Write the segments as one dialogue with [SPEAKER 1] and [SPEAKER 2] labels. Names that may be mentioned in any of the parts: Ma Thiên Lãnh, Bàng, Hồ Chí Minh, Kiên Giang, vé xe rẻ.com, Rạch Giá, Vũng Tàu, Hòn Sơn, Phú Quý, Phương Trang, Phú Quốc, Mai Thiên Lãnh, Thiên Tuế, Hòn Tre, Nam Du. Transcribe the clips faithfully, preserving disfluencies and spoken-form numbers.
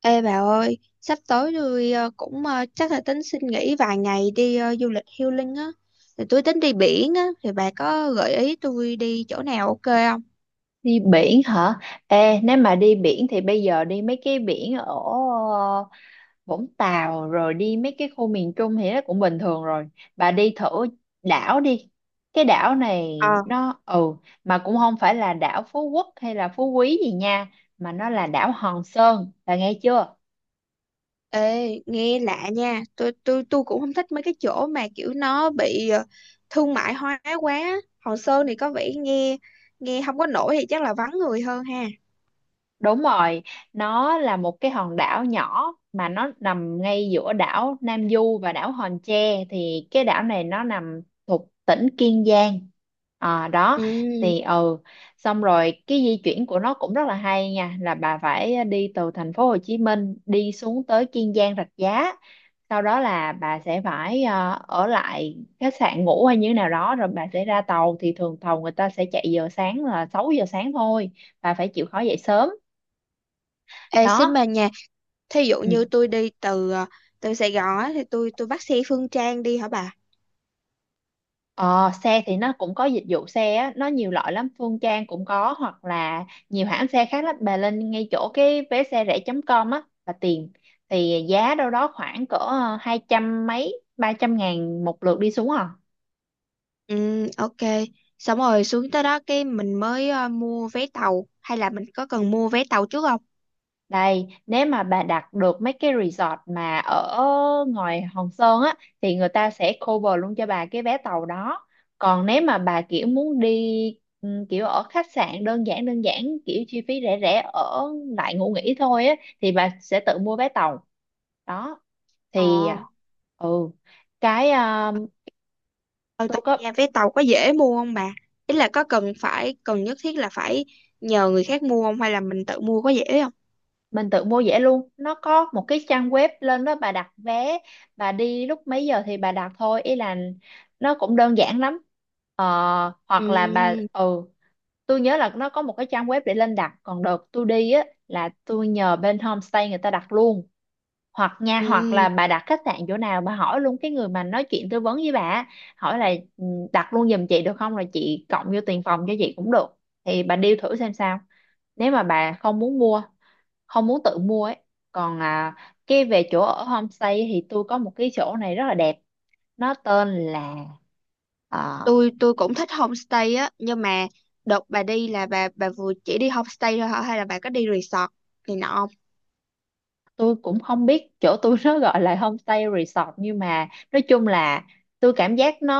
[SPEAKER 1] Ê bà ơi, sắp tới tôi ờ, cũng ờ, chắc là tính xin nghỉ vài ngày đi ờ, du lịch healing á. Thì tôi tính đi biển á, thì bà có gợi ý tôi đi chỗ nào ok không?
[SPEAKER 2] Đi biển hả? Ê, nếu mà đi biển thì bây giờ đi mấy cái biển ở ờ, Vũng Tàu rồi đi mấy cái khu miền Trung thì nó cũng bình thường rồi. Bà đi thử đảo đi. Cái đảo này
[SPEAKER 1] Ờ,
[SPEAKER 2] nó ừ mà cũng không phải là đảo Phú Quốc hay là Phú Quý gì nha, mà nó là đảo Hòn Sơn. Bà nghe chưa?
[SPEAKER 1] ê, nghe lạ nha. Tôi tôi tôi cũng không thích mấy cái chỗ mà kiểu nó bị ờ, thương mại hóa quá. Hòn Sơn thì có vẻ nghe nghe không có nổi thì chắc là vắng người hơn ha.
[SPEAKER 2] Đúng rồi, nó là một cái hòn đảo nhỏ mà nó nằm ngay giữa đảo Nam Du và đảo Hòn Tre thì cái đảo này nó nằm thuộc tỉnh Kiên Giang. À, đó
[SPEAKER 1] Ừ.
[SPEAKER 2] thì ừ xong rồi cái di chuyển của nó cũng rất là hay nha, là bà phải đi từ thành phố Hồ Chí Minh đi xuống tới Kiên Giang Rạch Giá, sau đó là bà sẽ phải ờ, ở lại khách sạn ngủ hay như thế nào đó, rồi bà sẽ ra tàu. Thì thường tàu người ta sẽ chạy giờ sáng là sáu giờ sáng thôi, bà phải chịu khó dậy sớm
[SPEAKER 1] Ê, xin
[SPEAKER 2] đó,
[SPEAKER 1] bà nha. Thí dụ
[SPEAKER 2] ừ.
[SPEAKER 1] như tôi đi từ ờ, từ Sài Gòn á, thì tôi tôi bắt xe Phương Trang đi hả bà?
[SPEAKER 2] Ờ, xe thì nó cũng có dịch vụ xe á, nó nhiều loại lắm, Phương Trang cũng có hoặc là nhiều hãng xe khác lắm, bà lên ngay chỗ cái vé xe rẻ chấm com chấm com á và tìm, thì giá đâu đó khoảng cỡ ờ, hai trăm mấy ba trăm ngàn một lượt đi xuống à.
[SPEAKER 1] Ừ, ok. Xong rồi xuống tới đó cái mình mới ờ, mua vé tàu hay là mình có cần mua vé tàu trước không?
[SPEAKER 2] Đây, nếu mà bà đặt được mấy cái resort mà ở ngoài Hòn Sơn á thì người ta sẽ cover luôn cho bà cái vé tàu đó. Còn nếu mà bà kiểu muốn đi ừ, kiểu ở khách sạn đơn giản đơn giản kiểu chi phí rẻ rẻ ở lại ngủ nghỉ thôi á thì bà sẽ tự mua vé tàu. Đó
[SPEAKER 1] Ờ,
[SPEAKER 2] thì ừ cái ờ,
[SPEAKER 1] ở
[SPEAKER 2] tôi
[SPEAKER 1] tận
[SPEAKER 2] có
[SPEAKER 1] nhà vé tàu có dễ mua không bà? Ý là có cần phải cần nhất thiết là phải nhờ người khác mua không hay là mình tự mua có dễ không?
[SPEAKER 2] mình tự mua vé luôn, nó có một cái trang web lên đó bà đặt vé, bà đi lúc mấy giờ thì bà đặt thôi, ý là nó cũng đơn giản lắm. ờ, Hoặc là bà
[SPEAKER 1] Ừ,
[SPEAKER 2] ừ tôi nhớ là nó có một cái trang web để lên đặt, còn đợt tôi đi á là tôi nhờ bên homestay người ta đặt luôn. Hoặc nha, hoặc
[SPEAKER 1] ừ.
[SPEAKER 2] là bà đặt khách sạn chỗ nào bà hỏi luôn cái người mà nói chuyện tư vấn với bà á, hỏi là "Ừ, đặt luôn giùm chị được không, rồi chị cộng vô tiền phòng cho chị cũng được", thì bà deal thử xem sao, nếu mà bà không muốn mua, không muốn tự mua ấy. Còn à, cái về chỗ ở homestay thì tôi có một cái chỗ này rất là đẹp, nó tên là à,
[SPEAKER 1] Tôi tôi cũng thích homestay á, nhưng mà đợt bà đi là bà bà vừa chỉ đi homestay thôi hả hay là bà có đi resort này nọ không?
[SPEAKER 2] tôi cũng không biết chỗ tôi nó gọi là homestay resort nhưng mà nói chung là tôi cảm giác nó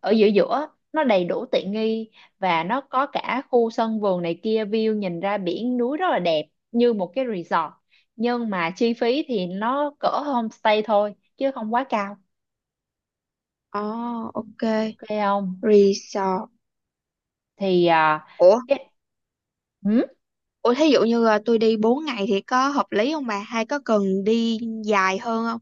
[SPEAKER 2] ở giữa giữa, nó đầy đủ tiện nghi và nó có cả khu sân vườn này kia, view nhìn ra biển núi rất là đẹp như một cái resort, nhưng mà chi phí thì nó cỡ homestay thôi chứ không quá cao.
[SPEAKER 1] Ờ, ok.
[SPEAKER 2] Ok không
[SPEAKER 1] Resort.
[SPEAKER 2] thì à,
[SPEAKER 1] Ủa,
[SPEAKER 2] cái- ừ
[SPEAKER 1] ủa thí dụ như là tôi đi bốn ngày thì có hợp lý không bà? Hay có cần đi dài hơn không?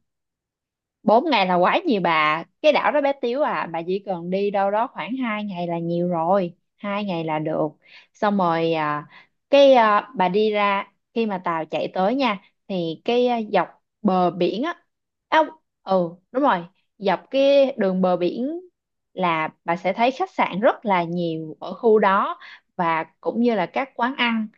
[SPEAKER 2] bốn ngày là quá nhiều bà, cái đảo đó bé xíu à, bà chỉ cần đi đâu đó khoảng hai ngày là nhiều rồi, hai ngày là được. Xong rồi à, cái à, bà đi ra khi mà tàu chạy tới nha, thì cái à, dọc bờ biển á, à, ừ đúng rồi, dọc cái đường bờ biển là bà sẽ thấy khách sạn rất là nhiều ở khu đó, và cũng như là các quán ăn.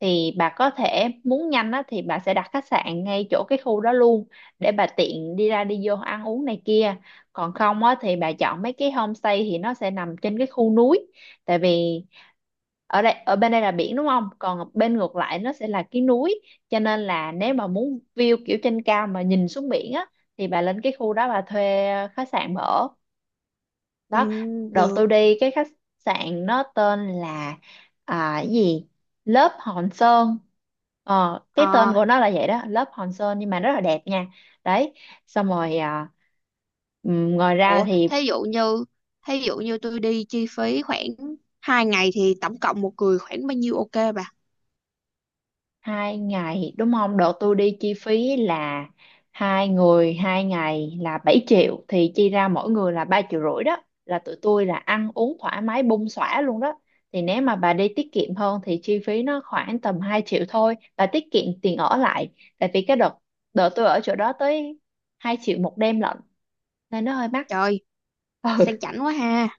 [SPEAKER 2] Thì bà có thể muốn nhanh á thì bà sẽ đặt khách sạn ngay chỗ cái khu đó luôn để bà tiện đi ra đi vô ăn uống này kia. Còn không á thì bà chọn mấy cái homestay thì nó sẽ nằm trên cái khu núi, tại vì ở đây ở bên đây là biển đúng không, còn bên ngược lại nó sẽ là cái núi, cho nên là nếu mà muốn view kiểu trên cao mà nhìn xuống biển á thì bà lên cái khu đó bà thuê khách sạn mà ở
[SPEAKER 1] Ừ,
[SPEAKER 2] đó. Đợt
[SPEAKER 1] được.
[SPEAKER 2] tôi đi cái khách sạn nó tên là à, cái gì lớp Hòn Sơn, ờ, cái tên
[SPEAKER 1] Ờ,
[SPEAKER 2] của nó là vậy đó, lớp Hòn Sơn, nhưng mà rất là đẹp nha. Đấy, xong rồi à, ừm, ngoài ra
[SPEAKER 1] ủa
[SPEAKER 2] thì
[SPEAKER 1] thí dụ như thí dụ như tôi đi chi phí khoảng hai ngày thì tổng cộng một người khoảng bao nhiêu ok bà?
[SPEAKER 2] hai ngày đúng không, đợt tôi đi chi phí là hai người hai ngày là bảy triệu, thì chia ra mỗi người là ba triệu rưỡi đó, là tụi tôi là ăn uống thoải mái bung xõa luôn đó. Thì nếu mà bà đi tiết kiệm hơn thì chi phí nó khoảng tầm hai triệu thôi, bà tiết kiệm tiền ở lại. Tại vì cái đợt, đợt tôi ở chỗ đó tới hai triệu một đêm lận nên nó hơi mắc.
[SPEAKER 1] Trời,
[SPEAKER 2] ừ
[SPEAKER 1] sang chảnh quá ha.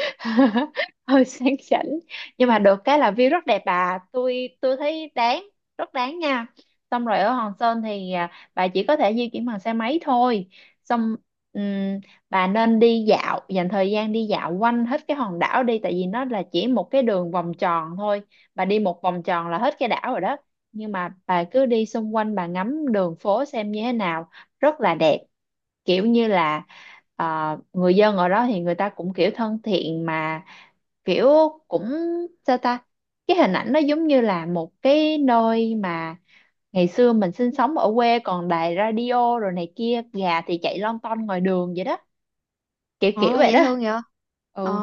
[SPEAKER 2] Hơi sang chảnh nhưng mà được cái là view rất đẹp bà, tôi tôi thấy đáng, rất đáng nha. Xong rồi ở Hòn Sơn thì à, bà chỉ có thể di chuyển bằng xe máy thôi. Xong ừm, bà nên đi dạo, dành thời gian đi dạo quanh hết cái hòn đảo đi, tại vì nó là chỉ một cái đường vòng tròn thôi, bà đi một vòng tròn là hết cái đảo rồi đó. Nhưng mà bà cứ đi xung quanh bà ngắm đường phố xem như thế nào, rất là đẹp, kiểu như là ờ, người dân ở đó thì người ta cũng kiểu thân thiện mà, kiểu cũng sao ta, cái hình ảnh nó giống như là một cái nơi mà ngày xưa mình sinh sống ở quê, còn đài radio rồi này kia, gà thì chạy lon ton ngoài đường vậy đó, kiểu kiểu
[SPEAKER 1] Ờ,
[SPEAKER 2] vậy đó.
[SPEAKER 1] dễ thương vậy. Ờ,
[SPEAKER 2] Ừ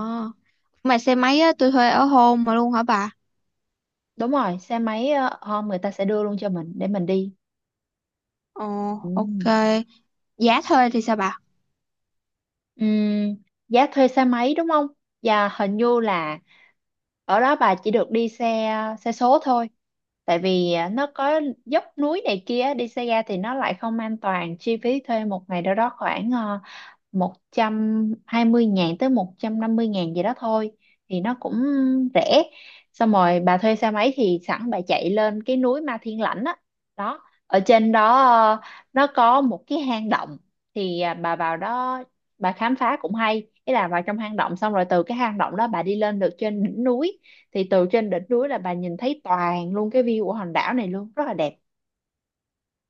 [SPEAKER 1] mà xe máy á, tôi thuê ở home mà luôn hả bà?
[SPEAKER 2] đúng rồi, xe máy ờ, hôm người ta sẽ đưa luôn cho mình để mình đi,
[SPEAKER 1] Ờ,
[SPEAKER 2] ừ.
[SPEAKER 1] ok. Giá thuê thì sao bà?
[SPEAKER 2] Ừm, giá thuê xe máy đúng không, và hình như là ở đó bà chỉ được đi xe, xe số thôi, tại vì à, nó có dốc núi này kia, đi xe ga thì nó lại không an toàn. Chi phí thuê một ngày đâu đó khoảng ờ, một trăm hai mươi ngàn tới một trăm năm mươi ngàn gì đó thôi, thì nó cũng rẻ. Xong rồi bà thuê xe máy thì sẵn bà chạy lên cái núi Ma Thiên Lãnh á, đó, ở trên đó ờ, nó có một cái hang động, thì à, bà vào đó bà khám phá cũng hay, ý là vào trong hang động, xong rồi từ cái hang động đó bà đi lên được trên đỉnh núi, thì từ trên đỉnh núi là bà nhìn thấy toàn luôn cái view của hòn đảo này luôn, rất là đẹp.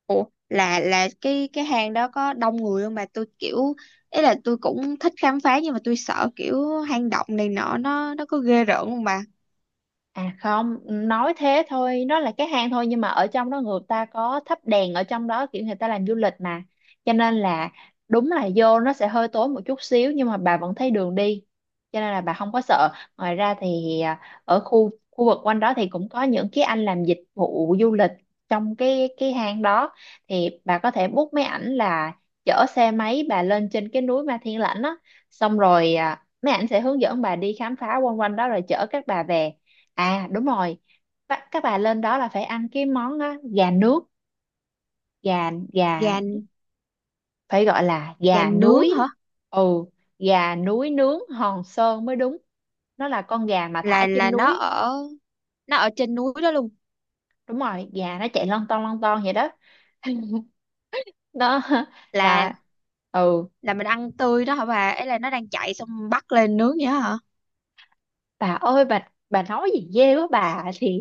[SPEAKER 1] Ủa, là là cái cái hang đó có đông người không bà? Tôi kiểu ý là tôi cũng thích khám phá nhưng mà tôi sợ kiểu hang động này nọ nó nó có ghê rợn không bà?
[SPEAKER 2] À không, nói thế thôi, nó là cái hang thôi nhưng mà ở trong đó người ta có thắp đèn ở trong đó, kiểu người ta làm du lịch mà. Cho nên là đúng là vô nó sẽ hơi tối một chút xíu nhưng mà bà vẫn thấy đường đi. Cho nên là bà không có sợ. Ngoài ra thì à, ở khu khu vực quanh đó thì cũng có những cái anh làm dịch vụ du lịch trong cái cái hang đó, thì bà có thể book mấy ảnh là chở xe máy bà lên trên cái núi Ma Thiên Lãnh đó, xong rồi à, mấy ảnh sẽ hướng dẫn bà đi khám phá quanh quanh đó rồi chở các bà về. À đúng rồi. Ba- Các bà lên đó là phải ăn cái món á, gà nước, gà gà
[SPEAKER 1] Gà
[SPEAKER 2] phải gọi là
[SPEAKER 1] gà
[SPEAKER 2] gà
[SPEAKER 1] nướng hả?
[SPEAKER 2] núi. Ừ, gà núi nướng Hòn Sơn mới đúng. Nó là con gà mà thả
[SPEAKER 1] Là là
[SPEAKER 2] trên
[SPEAKER 1] nó
[SPEAKER 2] núi.
[SPEAKER 1] ở nó ở trên núi đó luôn?
[SPEAKER 2] Đúng rồi, gà nó chạy lon ton lon ton vậy đó. Đó
[SPEAKER 1] là
[SPEAKER 2] là ừ,
[SPEAKER 1] là mình ăn tươi đó hả bà? Ấy là nó đang chạy xong bắt lên nướng vậy đó hả?
[SPEAKER 2] bà ơi, bà bà nói gì ghê quá bà, thì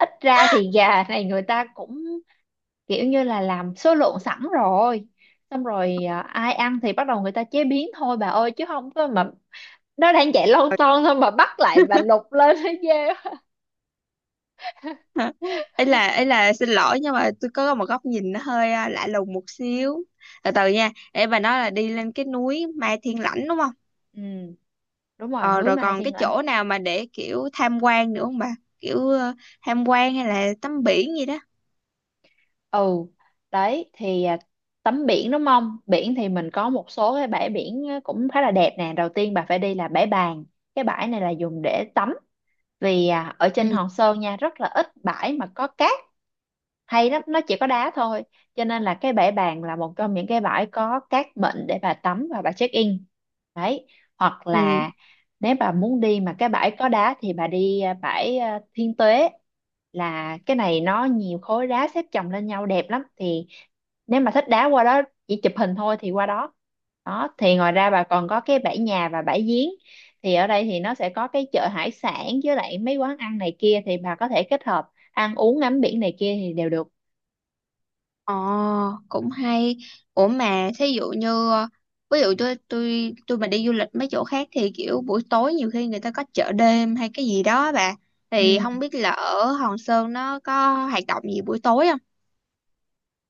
[SPEAKER 2] ít ra thì gà này người ta cũng kiểu như là làm số lượng sẵn rồi, xong rồi à, ai ăn thì bắt đầu người ta chế biến thôi bà ơi, chứ không có mà nó đang chạy lon ton thôi mà bắt lại bà lục lên thấy ghê quá.
[SPEAKER 1] ấy là ấy là xin lỗi nhưng mà tôi có một góc nhìn nó hơi à, lạ lùng một xíu. Từ từ nha, ấy bà nói là đi lên cái núi Mai Thiên Lãnh đúng không?
[SPEAKER 2] Ừ đúng rồi,
[SPEAKER 1] Ờ,
[SPEAKER 2] núi
[SPEAKER 1] rồi
[SPEAKER 2] Ma
[SPEAKER 1] còn
[SPEAKER 2] Thiên
[SPEAKER 1] cái
[SPEAKER 2] Lãnh.
[SPEAKER 1] chỗ nào mà để kiểu tham quan nữa không bà? Kiểu ờ, tham quan hay là tắm biển gì đó.
[SPEAKER 2] ừ Đấy thì à, tắm biển đúng không, biển thì mình có một số cái bãi biển à, cũng khá là đẹp nè. Đầu tiên bà phải đi là bãi Bàng, cái bãi này là dùng để tắm, vì à, ở trên
[SPEAKER 1] Ừ.
[SPEAKER 2] Hòn Sơn nha rất là ít bãi mà có cát hay lắm, nó chỉ có đá thôi, cho nên là cái bãi Bàng là một trong những cái bãi có cát mịn để bà tắm và bà check in. Đấy, hoặc
[SPEAKER 1] Ừ,
[SPEAKER 2] là nếu bà muốn đi mà cái bãi có đá thì bà đi à, bãi à, Thiên Tuế, là cái này nó nhiều khối đá xếp chồng lên nhau đẹp lắm, thì nếu mà thích đá qua đó, chỉ chụp hình thôi thì qua đó. Đó thì ngoài ra bà còn có cái bãi Nhà và bãi Giếng, thì ở đây thì nó sẽ có cái chợ hải sản với lại mấy quán ăn này kia, thì bà có thể kết hợp ăn uống ngắm biển này kia thì đều được.
[SPEAKER 1] ờ, cũng hay. Ủa mà thí dụ như ờ, ví dụ tôi tôi tôi mà đi du lịch mấy chỗ khác thì kiểu buổi tối nhiều khi người ta có chợ đêm hay cái gì đó bà. Thì
[SPEAKER 2] ừ.
[SPEAKER 1] không biết là ở Hòn Sơn nó có hoạt động gì buổi tối không?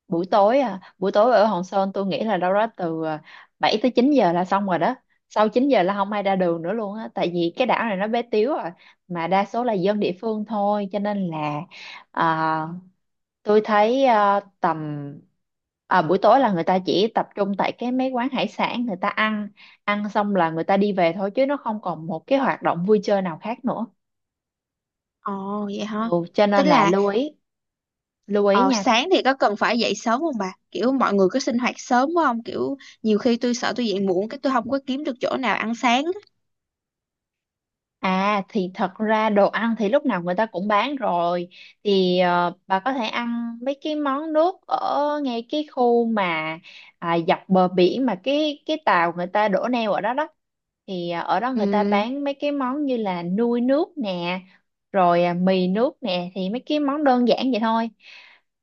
[SPEAKER 2] buổi tối à Buổi tối ở Hòn Sơn tôi nghĩ là đâu đó từ à, bảy tới chín giờ là xong rồi đó, sau chín giờ là không ai ra đường nữa luôn á, tại vì cái đảo này nó bé tiếu rồi, mà đa số là dân địa phương thôi, cho nên là à, tôi thấy à, tầm à, buổi tối là người ta chỉ tập trung tại cái mấy quán hải sản người ta ăn, ăn xong là người ta đi về thôi, chứ nó không còn một cái hoạt động vui chơi nào khác nữa.
[SPEAKER 1] Ồ vậy hả?
[SPEAKER 2] Ừ, cho
[SPEAKER 1] Tức
[SPEAKER 2] nên là
[SPEAKER 1] là
[SPEAKER 2] lưu ý, lưu ý
[SPEAKER 1] ờ,
[SPEAKER 2] nha.
[SPEAKER 1] sáng thì có cần phải dậy sớm không bà? Kiểu mọi người có sinh hoạt sớm quá không? Kiểu nhiều khi tôi sợ tôi dậy muộn cái tôi không có kiếm được chỗ nào ăn sáng á.
[SPEAKER 2] À thì thật ra đồ ăn thì lúc nào người ta cũng bán rồi, thì ờ, bà có thể ăn mấy cái món nước ở ngay cái khu mà à, dọc bờ biển, mà cái cái tàu người ta đổ neo ở đó đó, thì à, ở đó người ta
[SPEAKER 1] Ừm,
[SPEAKER 2] bán mấy cái món như là nui nước nè, rồi à, mì nước nè, thì mấy cái món đơn giản vậy thôi.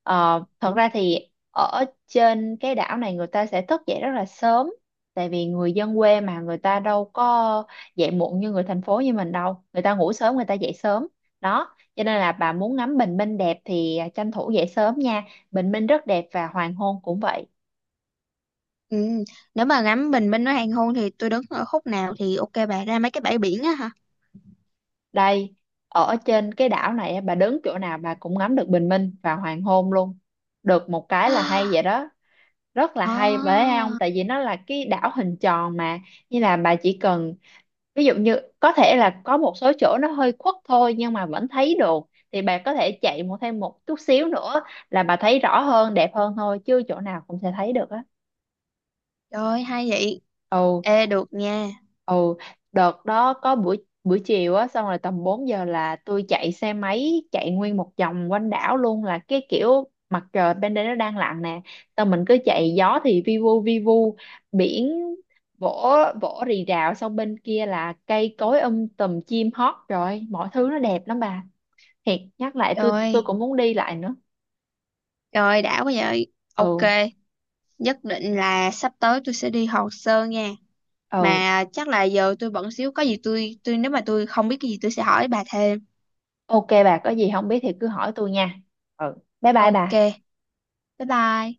[SPEAKER 2] Ờ, thật ra thì ở trên cái đảo này người ta sẽ thức dậy rất là sớm, tại vì người dân quê mà, người ta đâu có dậy muộn như người thành phố như mình đâu, người ta ngủ sớm người ta dậy sớm đó, cho nên là bà muốn ngắm bình minh đẹp thì à, tranh thủ dậy sớm nha, bình minh rất đẹp và hoàng hôn cũng vậy.
[SPEAKER 1] ừm. Nếu mà ngắm bình minh nó hoàng hôn thì tôi đứng ở khúc nào thì ok bà? Ra mấy cái bãi biển á hả?
[SPEAKER 2] Đây, ở trên cái đảo này á, bà đứng chỗ nào bà cũng ngắm được bình minh và hoàng hôn luôn, được một cái là hay vậy đó, rất là hay bởi
[SPEAKER 1] À,
[SPEAKER 2] không, tại vì nó là cái đảo hình tròn mà, như là bà chỉ cần, ví dụ như có thể là có một số chỗ nó hơi khuất thôi nhưng mà vẫn thấy được, thì bà có thể chạy một thêm một chút xíu nữa là bà thấy rõ hơn đẹp hơn thôi, chứ chỗ nào cũng sẽ thấy được á.
[SPEAKER 1] trời ơi, hay vậy.
[SPEAKER 2] ừ
[SPEAKER 1] Ê được nha.
[SPEAKER 2] ừ Đợt đó có buổi buổi chiều á, xong rồi tầm bốn giờ là tôi chạy xe máy chạy nguyên một vòng quanh đảo luôn, là cái kiểu mặt trời bên đây nó đang lặn nè, xong mình cứ chạy, gió thì vi vu vi vu, biển vỗ vỗ rì rào, xong bên kia là cây cối um tùm chim hót, rồi mọi thứ nó đẹp lắm bà, thiệt, nhắc lại
[SPEAKER 1] Trời
[SPEAKER 2] tôi tôi
[SPEAKER 1] ơi,
[SPEAKER 2] cũng muốn đi lại nữa.
[SPEAKER 1] trời ơi, đã quá vậy. Ok,
[SPEAKER 2] ừ
[SPEAKER 1] nhất định là sắp tới tôi sẽ đi Hòn Sơn nha.
[SPEAKER 2] ừ
[SPEAKER 1] Mà chắc là giờ tôi bận xíu, có gì tôi tôi nếu mà tôi không biết cái gì tôi sẽ hỏi bà thêm.
[SPEAKER 2] ok, bà có gì không biết thì cứ hỏi tôi nha, ừ, bye bye
[SPEAKER 1] Ok.
[SPEAKER 2] bà.
[SPEAKER 1] Bái bai.